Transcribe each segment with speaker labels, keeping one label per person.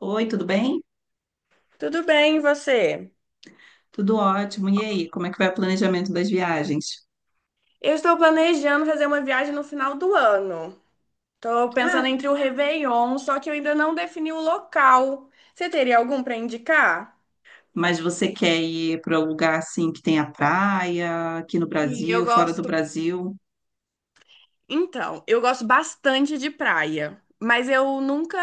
Speaker 1: Oi, tudo bem?
Speaker 2: Tudo bem, e você?
Speaker 1: Tudo ótimo. E aí, como é que vai o planejamento das viagens?
Speaker 2: Eu estou planejando fazer uma viagem no final do ano. Estou
Speaker 1: Ah,
Speaker 2: pensando entre o Réveillon, só que eu ainda não defini o local. Você teria algum para indicar?
Speaker 1: mas você quer ir para um lugar assim que tenha praia, aqui no
Speaker 2: Sim, eu
Speaker 1: Brasil, fora do
Speaker 2: gosto.
Speaker 1: Brasil?
Speaker 2: Então, eu gosto bastante de praia, mas eu nunca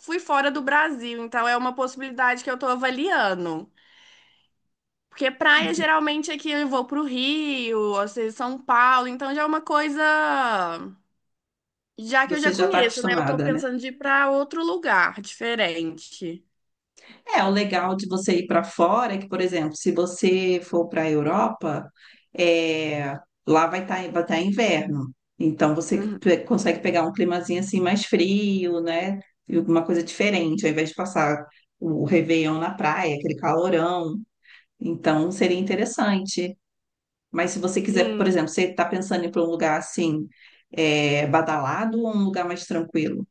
Speaker 2: fui fora do Brasil, então é uma possibilidade que eu estou avaliando. Porque praia
Speaker 1: Entendi.
Speaker 2: geralmente aqui eu vou para o Rio, ou seja, São Paulo, então já é uma coisa. Já que eu
Speaker 1: Você
Speaker 2: já
Speaker 1: já está
Speaker 2: conheço, né? Eu tô
Speaker 1: acostumada, né?
Speaker 2: pensando de ir pra outro lugar diferente.
Speaker 1: É, o legal de você ir para fora é que, por exemplo, se você for para a Europa, é, lá vai tá inverno. Então você
Speaker 2: Uhum.
Speaker 1: consegue pegar um climazinho assim mais frio, né? E alguma coisa diferente, ao invés de passar o Réveillon na praia, aquele calorão. Então, seria interessante. Mas se você quiser, por
Speaker 2: Sim,
Speaker 1: exemplo, você está pensando em ir para um lugar assim, badalado ou um lugar mais tranquilo?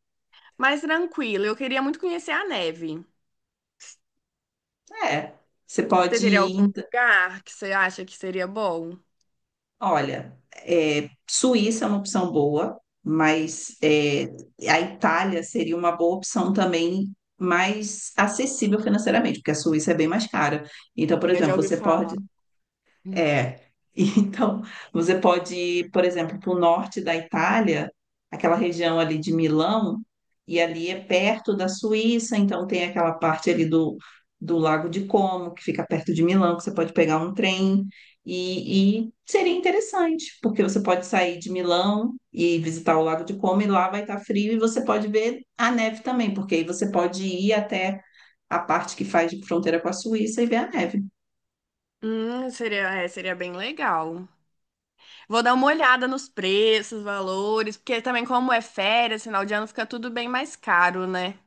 Speaker 2: mais tranquilo. Eu queria muito conhecer a neve.
Speaker 1: É, você
Speaker 2: Você
Speaker 1: pode
Speaker 2: teria
Speaker 1: ir.
Speaker 2: algum lugar que você acha que seria bom?
Speaker 1: Olha, Suíça é uma opção boa, mas a Itália seria uma boa opção também, mais acessível financeiramente, porque a Suíça é bem mais cara. Então, por
Speaker 2: Sim, eu já
Speaker 1: exemplo,
Speaker 2: ouvi
Speaker 1: você
Speaker 2: falar.
Speaker 1: pode.
Speaker 2: Hum,
Speaker 1: É. Então, você pode ir, por exemplo, para o norte da Itália, aquela região ali de Milão, e ali é perto da Suíça, então tem aquela parte ali do Lago de Como, que fica perto de Milão, que você pode pegar um trem, e seria interessante, porque você pode sair de Milão e visitar o Lago de Como, e lá vai estar frio, e você pode ver a neve também, porque aí você pode ir até a parte que faz de fronteira com a Suíça e ver a neve.
Speaker 2: Seria bem legal. Vou dar uma olhada nos preços, valores, porque também como é férias, final de ano fica tudo bem mais caro, né?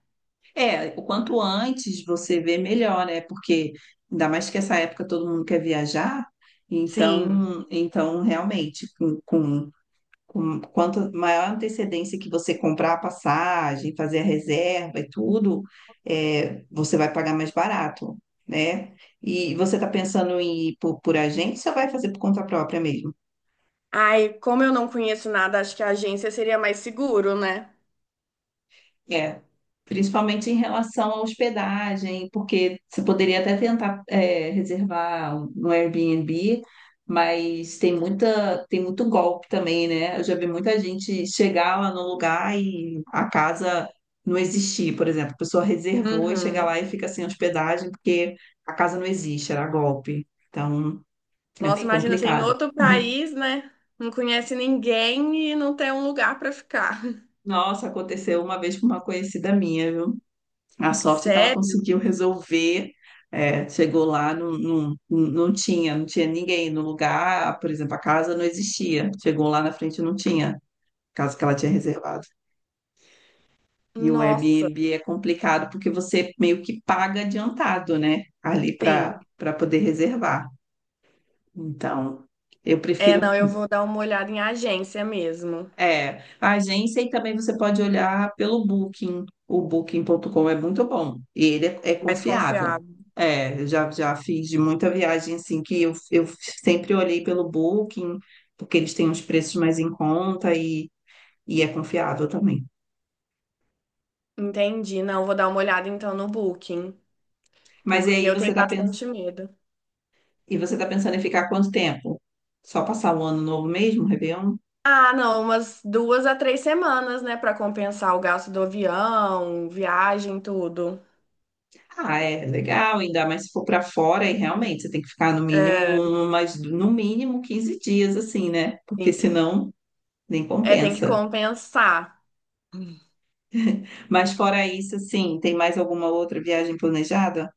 Speaker 1: É, o quanto antes você vê, melhor, né? Porque ainda mais que essa época todo mundo quer viajar,
Speaker 2: Sim.
Speaker 1: então realmente, com quanto maior antecedência que você comprar a passagem, fazer a reserva e tudo, você vai pagar mais barato, né? E você está pensando em ir por agência ou vai fazer por conta própria mesmo?
Speaker 2: Ai, como eu não conheço nada, acho que a agência seria mais seguro, né?
Speaker 1: É, principalmente em relação à hospedagem, porque você poderia até tentar reservar no Airbnb, mas tem muito golpe também, né? Eu já vi muita gente chegar lá no lugar e a casa não existir, por exemplo, a pessoa reservou e chega
Speaker 2: Uhum.
Speaker 1: lá e fica sem hospedagem porque a casa não existe, era golpe. Então, é
Speaker 2: Nossa,
Speaker 1: bem
Speaker 2: imagina você em
Speaker 1: complicado.
Speaker 2: outro país, né? Não conhece ninguém e não tem um lugar pra ficar.
Speaker 1: Nossa, aconteceu uma vez com uma conhecida minha, viu? A sorte é que ela
Speaker 2: Sério?
Speaker 1: conseguiu resolver. É, chegou lá, não, não, não tinha ninguém no lugar, por exemplo, a casa não existia. Chegou lá na frente, não tinha a casa que ela tinha reservado. E o
Speaker 2: Nossa,
Speaker 1: Airbnb é complicado porque você meio que paga adiantado, né? Ali para
Speaker 2: sim.
Speaker 1: para poder reservar. Então, eu
Speaker 2: Não,
Speaker 1: prefiro.
Speaker 2: eu vou dar uma olhada em agência mesmo,
Speaker 1: É, a agência e também você pode olhar pelo Booking. O Booking.com é muito bom e ele é
Speaker 2: mais
Speaker 1: confiável.
Speaker 2: confiável.
Speaker 1: É, eu já fiz de muita viagem assim que eu sempre olhei pelo Booking, porque eles têm uns preços mais em conta e é confiável também.
Speaker 2: Entendi. Não, vou dar uma olhada então no Booking,
Speaker 1: Mas e
Speaker 2: porque
Speaker 1: aí
Speaker 2: eu tenho bastante medo.
Speaker 1: e você tá pensando em ficar quanto tempo? Só passar o ano novo mesmo, Réveillon?
Speaker 2: Ah, não, umas 2 a 3 semanas, né, pra compensar o gasto do avião, viagem, tudo.
Speaker 1: Ah, é legal, ainda mais se for para fora, e realmente você tem que ficar no
Speaker 2: É,
Speaker 1: mínimo, mas no mínimo 15 dias, assim, né?
Speaker 2: sim.
Speaker 1: Porque senão nem
Speaker 2: É, tem que
Speaker 1: compensa.
Speaker 2: compensar.
Speaker 1: Mas fora isso, assim, tem mais alguma outra viagem planejada?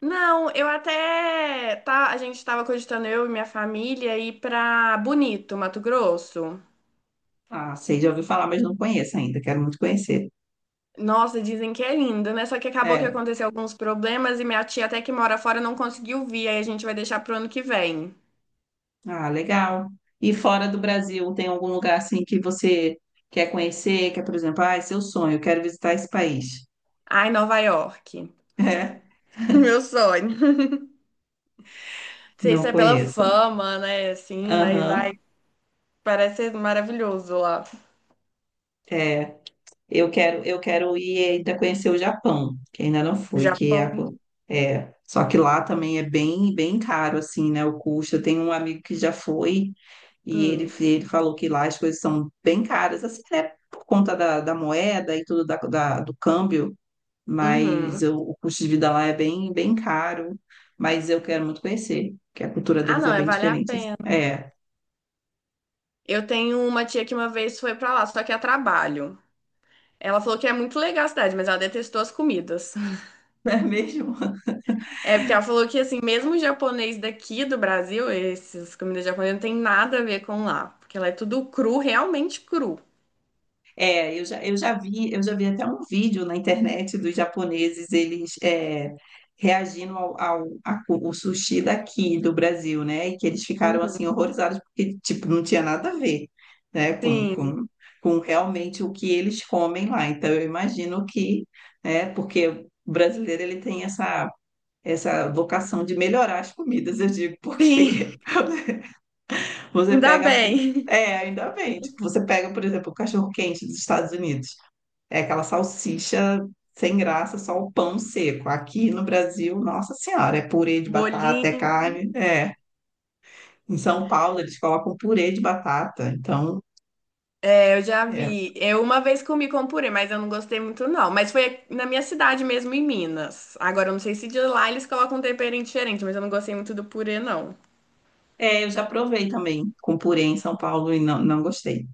Speaker 2: Não, a gente estava cogitando eu e minha família ir pra Bonito, Mato Grosso.
Speaker 1: Ah, sei, já ouvi falar, mas não conheço ainda, quero muito conhecer.
Speaker 2: Nossa, dizem que é lindo, né? Só que acabou que
Speaker 1: É,
Speaker 2: aconteceu alguns problemas e minha tia até que mora fora não conseguiu vir, aí a gente vai deixar pro ano que vem.
Speaker 1: ah, legal. E fora do Brasil, tem algum lugar assim que você quer conhecer, que é, por exemplo, ah, é seu sonho, eu quero visitar esse país.
Speaker 2: Ai, Nova York.
Speaker 1: É,
Speaker 2: Meu sonho. Não sei
Speaker 1: não
Speaker 2: se é pela
Speaker 1: conheço.
Speaker 2: fama, né? Assim, mas
Speaker 1: Aham,
Speaker 2: ai, parece ser maravilhoso lá.
Speaker 1: é. Eu quero ir ainda conhecer o Japão, que ainda não fui,
Speaker 2: Japão.
Speaker 1: só que lá também é bem, bem caro assim, né, o custo. Eu tenho um amigo que já foi e ele,
Speaker 2: Hum.
Speaker 1: ele falou que lá as coisas são bem caras, assim, né, por conta da moeda e tudo do câmbio, mas
Speaker 2: Uhum.
Speaker 1: o custo de vida lá é bem, bem caro, mas eu quero muito conhecer, que a cultura
Speaker 2: Ah,
Speaker 1: deles é
Speaker 2: não, é
Speaker 1: bem
Speaker 2: vale a
Speaker 1: diferente assim.
Speaker 2: pena.
Speaker 1: É,
Speaker 2: Eu tenho uma tia que uma vez foi pra lá, só que a trabalho. Ela falou que é muito legal a cidade, mas ela detestou as comidas.
Speaker 1: não é mesmo?
Speaker 2: É porque ela falou que, assim, mesmo o japonês daqui do Brasil, essas comidas japonesas não tem nada a ver com lá. Porque ela é tudo cru, realmente cru.
Speaker 1: É, eu já vi até um vídeo na internet dos japoneses, eles reagindo o sushi daqui do Brasil, né? E que eles ficaram
Speaker 2: Uhum.
Speaker 1: assim horrorizados porque tipo não tinha nada a ver, né? Com,
Speaker 2: Sim,
Speaker 1: com, com realmente o que eles comem lá. Então eu imagino que, né? Porque o brasileiro ele tem essa vocação de melhorar as comidas, eu digo,
Speaker 2: sim,
Speaker 1: porque você
Speaker 2: ainda
Speaker 1: pega a pizza.
Speaker 2: bem.
Speaker 1: É, ainda bem. Tipo, você pega, por exemplo, o cachorro-quente dos Estados Unidos. É aquela salsicha sem graça, só o pão seco. Aqui no Brasil, nossa senhora, é purê de batata, é
Speaker 2: Bolinho,
Speaker 1: carne. É. Em São Paulo, eles colocam purê de batata. Então,
Speaker 2: é, eu já
Speaker 1: é.
Speaker 2: vi. Eu uma vez comi com purê, mas eu não gostei muito, não. Mas foi na minha cidade mesmo, em Minas. Agora, eu não sei se de lá eles colocam um tempero diferente, mas eu não gostei muito do purê, não.
Speaker 1: É, eu já provei também com purê em São Paulo e não, não gostei.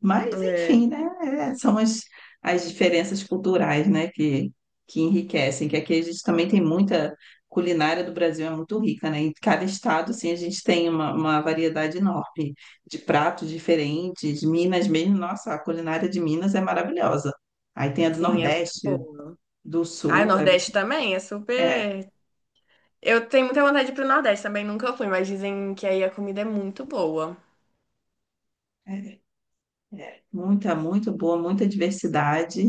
Speaker 1: Mas,
Speaker 2: É.
Speaker 1: enfim, né? São as diferenças culturais, né? Que enriquecem, que aqui a gente também tem muita culinária do Brasil, é muito rica, né? Em cada estado, sim a gente tem uma variedade enorme de pratos diferentes. Minas mesmo, nossa, a culinária de Minas é maravilhosa. Aí tem a do
Speaker 2: Sim, é muito
Speaker 1: Nordeste,
Speaker 2: bom.
Speaker 1: do
Speaker 2: Ah, o
Speaker 1: Sul,
Speaker 2: Nordeste também é
Speaker 1: é, é,
Speaker 2: super. Eu tenho muita vontade de ir pro Nordeste também, nunca fui, mas dizem que aí a comida é muito boa.
Speaker 1: é, é muito boa, muita diversidade.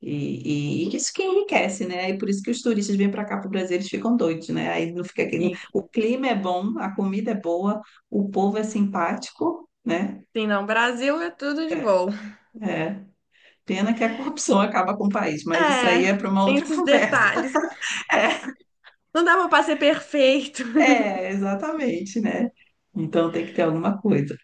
Speaker 1: E isso que enriquece, né? E por isso que os turistas vêm para cá para o Brasil, eles ficam doidos, né? Aí não fica aquele... O
Speaker 2: Fica.
Speaker 1: clima é bom, a comida é boa, o povo é simpático, né?
Speaker 2: Sim, não, Brasil é tudo de
Speaker 1: É.
Speaker 2: bom.
Speaker 1: É. Pena que a corrupção acaba com o país, mas isso
Speaker 2: É,
Speaker 1: aí é para uma
Speaker 2: tem
Speaker 1: outra
Speaker 2: esses
Speaker 1: conversa.
Speaker 2: detalhes. Não dava pra ser perfeito.
Speaker 1: É, exatamente, né? Então tem que ter alguma coisa.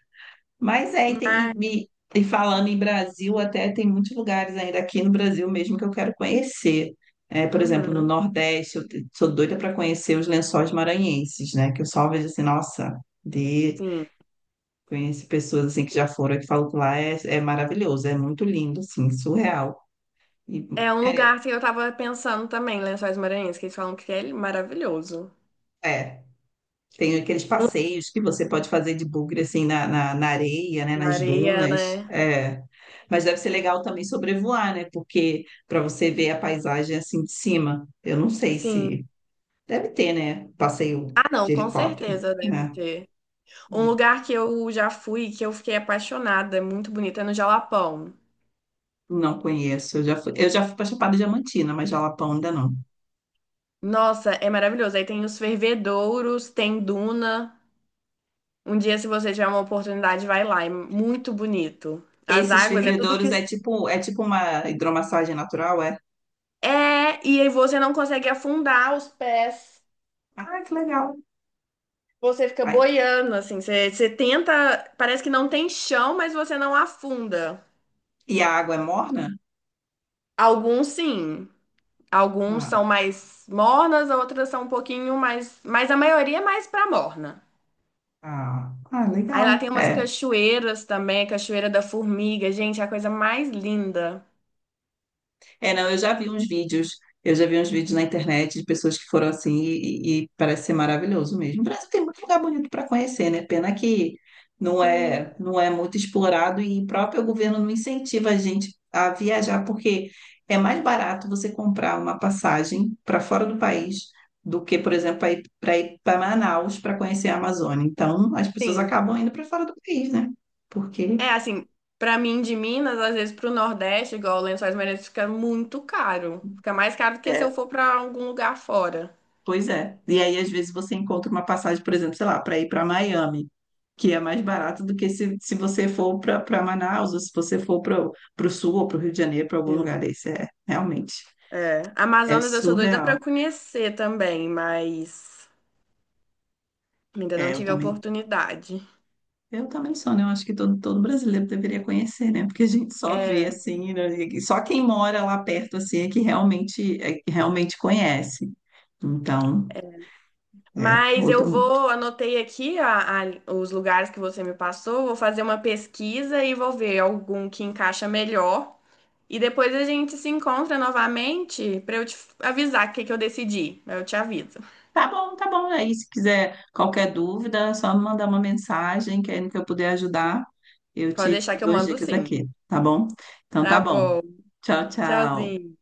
Speaker 1: Mas e falando em Brasil, até tem muitos lugares ainda aqui no Brasil mesmo que eu quero conhecer. É, por exemplo, no
Speaker 2: Uhum,
Speaker 1: Nordeste, eu sou doida para conhecer os Lençóis Maranhenses, né? Que eu só vejo assim, nossa, de
Speaker 2: sim.
Speaker 1: conheço pessoas assim que já foram e que falam que lá é maravilhoso, é muito lindo, assim, surreal. E,
Speaker 2: É um
Speaker 1: é,
Speaker 2: lugar que eu tava pensando também, Lençóis Maranhenses, que eles falam que é maravilhoso.
Speaker 1: é, Tem aqueles passeios que você pode fazer de bugre, assim, na areia, né?
Speaker 2: Na
Speaker 1: Nas
Speaker 2: areia,
Speaker 1: dunas.
Speaker 2: né?
Speaker 1: É. Mas deve ser legal também sobrevoar, né? Porque para você ver a paisagem assim de cima. Eu não sei
Speaker 2: Sim.
Speaker 1: se... Deve ter, né? Passeio
Speaker 2: Ah, não,
Speaker 1: de
Speaker 2: com
Speaker 1: helicóptero,
Speaker 2: certeza deve
Speaker 1: né?
Speaker 2: ter. Um
Speaker 1: É.
Speaker 2: lugar que eu já fui, que eu fiquei apaixonada, é muito bonito, é no Jalapão.
Speaker 1: Não conheço. Eu já fui para Chapada Diamantina, mas Jalapão ainda não.
Speaker 2: Nossa, é maravilhoso. Aí tem os fervedouros, tem duna. Um dia, se você tiver uma oportunidade, vai lá. É muito bonito. As
Speaker 1: Esses
Speaker 2: águas é tudo
Speaker 1: fervedouros
Speaker 2: que.
Speaker 1: é tipo uma hidromassagem natural, é?
Speaker 2: É, e aí você não consegue afundar os pés.
Speaker 1: Ah, que legal.
Speaker 2: Você fica
Speaker 1: Ai,
Speaker 2: boiando, assim. Você tenta. Parece que não tem chão, mas você não afunda.
Speaker 1: e a água é morna?
Speaker 2: Alguns sim. Alguns são
Speaker 1: Ah,
Speaker 2: mais mornas, outras são um pouquinho mais. Mas a maioria é mais pra morna.
Speaker 1: ah, ah,
Speaker 2: Aí lá
Speaker 1: legal.
Speaker 2: tem umas
Speaker 1: É.
Speaker 2: cachoeiras também, Cachoeira da Formiga. Gente, é a coisa mais linda.
Speaker 1: É, não, eu já vi uns vídeos na internet de pessoas que foram assim e parece ser maravilhoso mesmo. O Brasil tem muito lugar bonito para conhecer, né? Pena que não é,
Speaker 2: Sim.
Speaker 1: não é muito explorado e o próprio governo não incentiva a gente a viajar, porque é mais barato você comprar uma passagem para fora do país do que, por exemplo, para ir para Manaus para conhecer a Amazônia. Então, as pessoas
Speaker 2: Sim.
Speaker 1: acabam indo para fora do país, né? Porque
Speaker 2: É assim, pra mim de Minas, às vezes pro Nordeste, igual Lençóis Maranhenses, fica muito caro. Fica mais caro do que se eu for pra algum lugar fora.
Speaker 1: Pois é. E aí, às vezes, você encontra uma passagem, por exemplo, sei lá, para ir para Miami, que é mais barato do que se você for para Manaus, ou se você for para o sul ou para o Rio de Janeiro, para algum lugar
Speaker 2: Sim.
Speaker 1: desse. É, realmente,
Speaker 2: É.
Speaker 1: é
Speaker 2: Amazonas eu sou doida
Speaker 1: surreal.
Speaker 2: pra conhecer também, mas ainda não
Speaker 1: É, eu
Speaker 2: tive a
Speaker 1: também.
Speaker 2: oportunidade.
Speaker 1: Eu também sou, né? Eu acho que todo brasileiro deveria conhecer, né? Porque a gente só vê
Speaker 2: É.
Speaker 1: assim, né? E só quem mora lá perto assim é que realmente conhece. Então, é
Speaker 2: Mas eu
Speaker 1: outro.
Speaker 2: vou, anotei aqui os lugares que você me passou, vou fazer uma pesquisa e vou ver algum que encaixa melhor. E depois a gente se encontra novamente para eu te avisar o que que eu decidi. Eu te aviso.
Speaker 1: Tá bom, tá bom. Aí, se quiser qualquer dúvida, é só me mandar uma mensagem, que aí no que eu puder ajudar, eu
Speaker 2: Pode
Speaker 1: te
Speaker 2: deixar que eu
Speaker 1: dou as
Speaker 2: mando
Speaker 1: dicas
Speaker 2: sim.
Speaker 1: aqui, tá bom? Então tá
Speaker 2: Tá
Speaker 1: bom.
Speaker 2: bom.
Speaker 1: Tchau, tchau.
Speaker 2: Tchauzinho.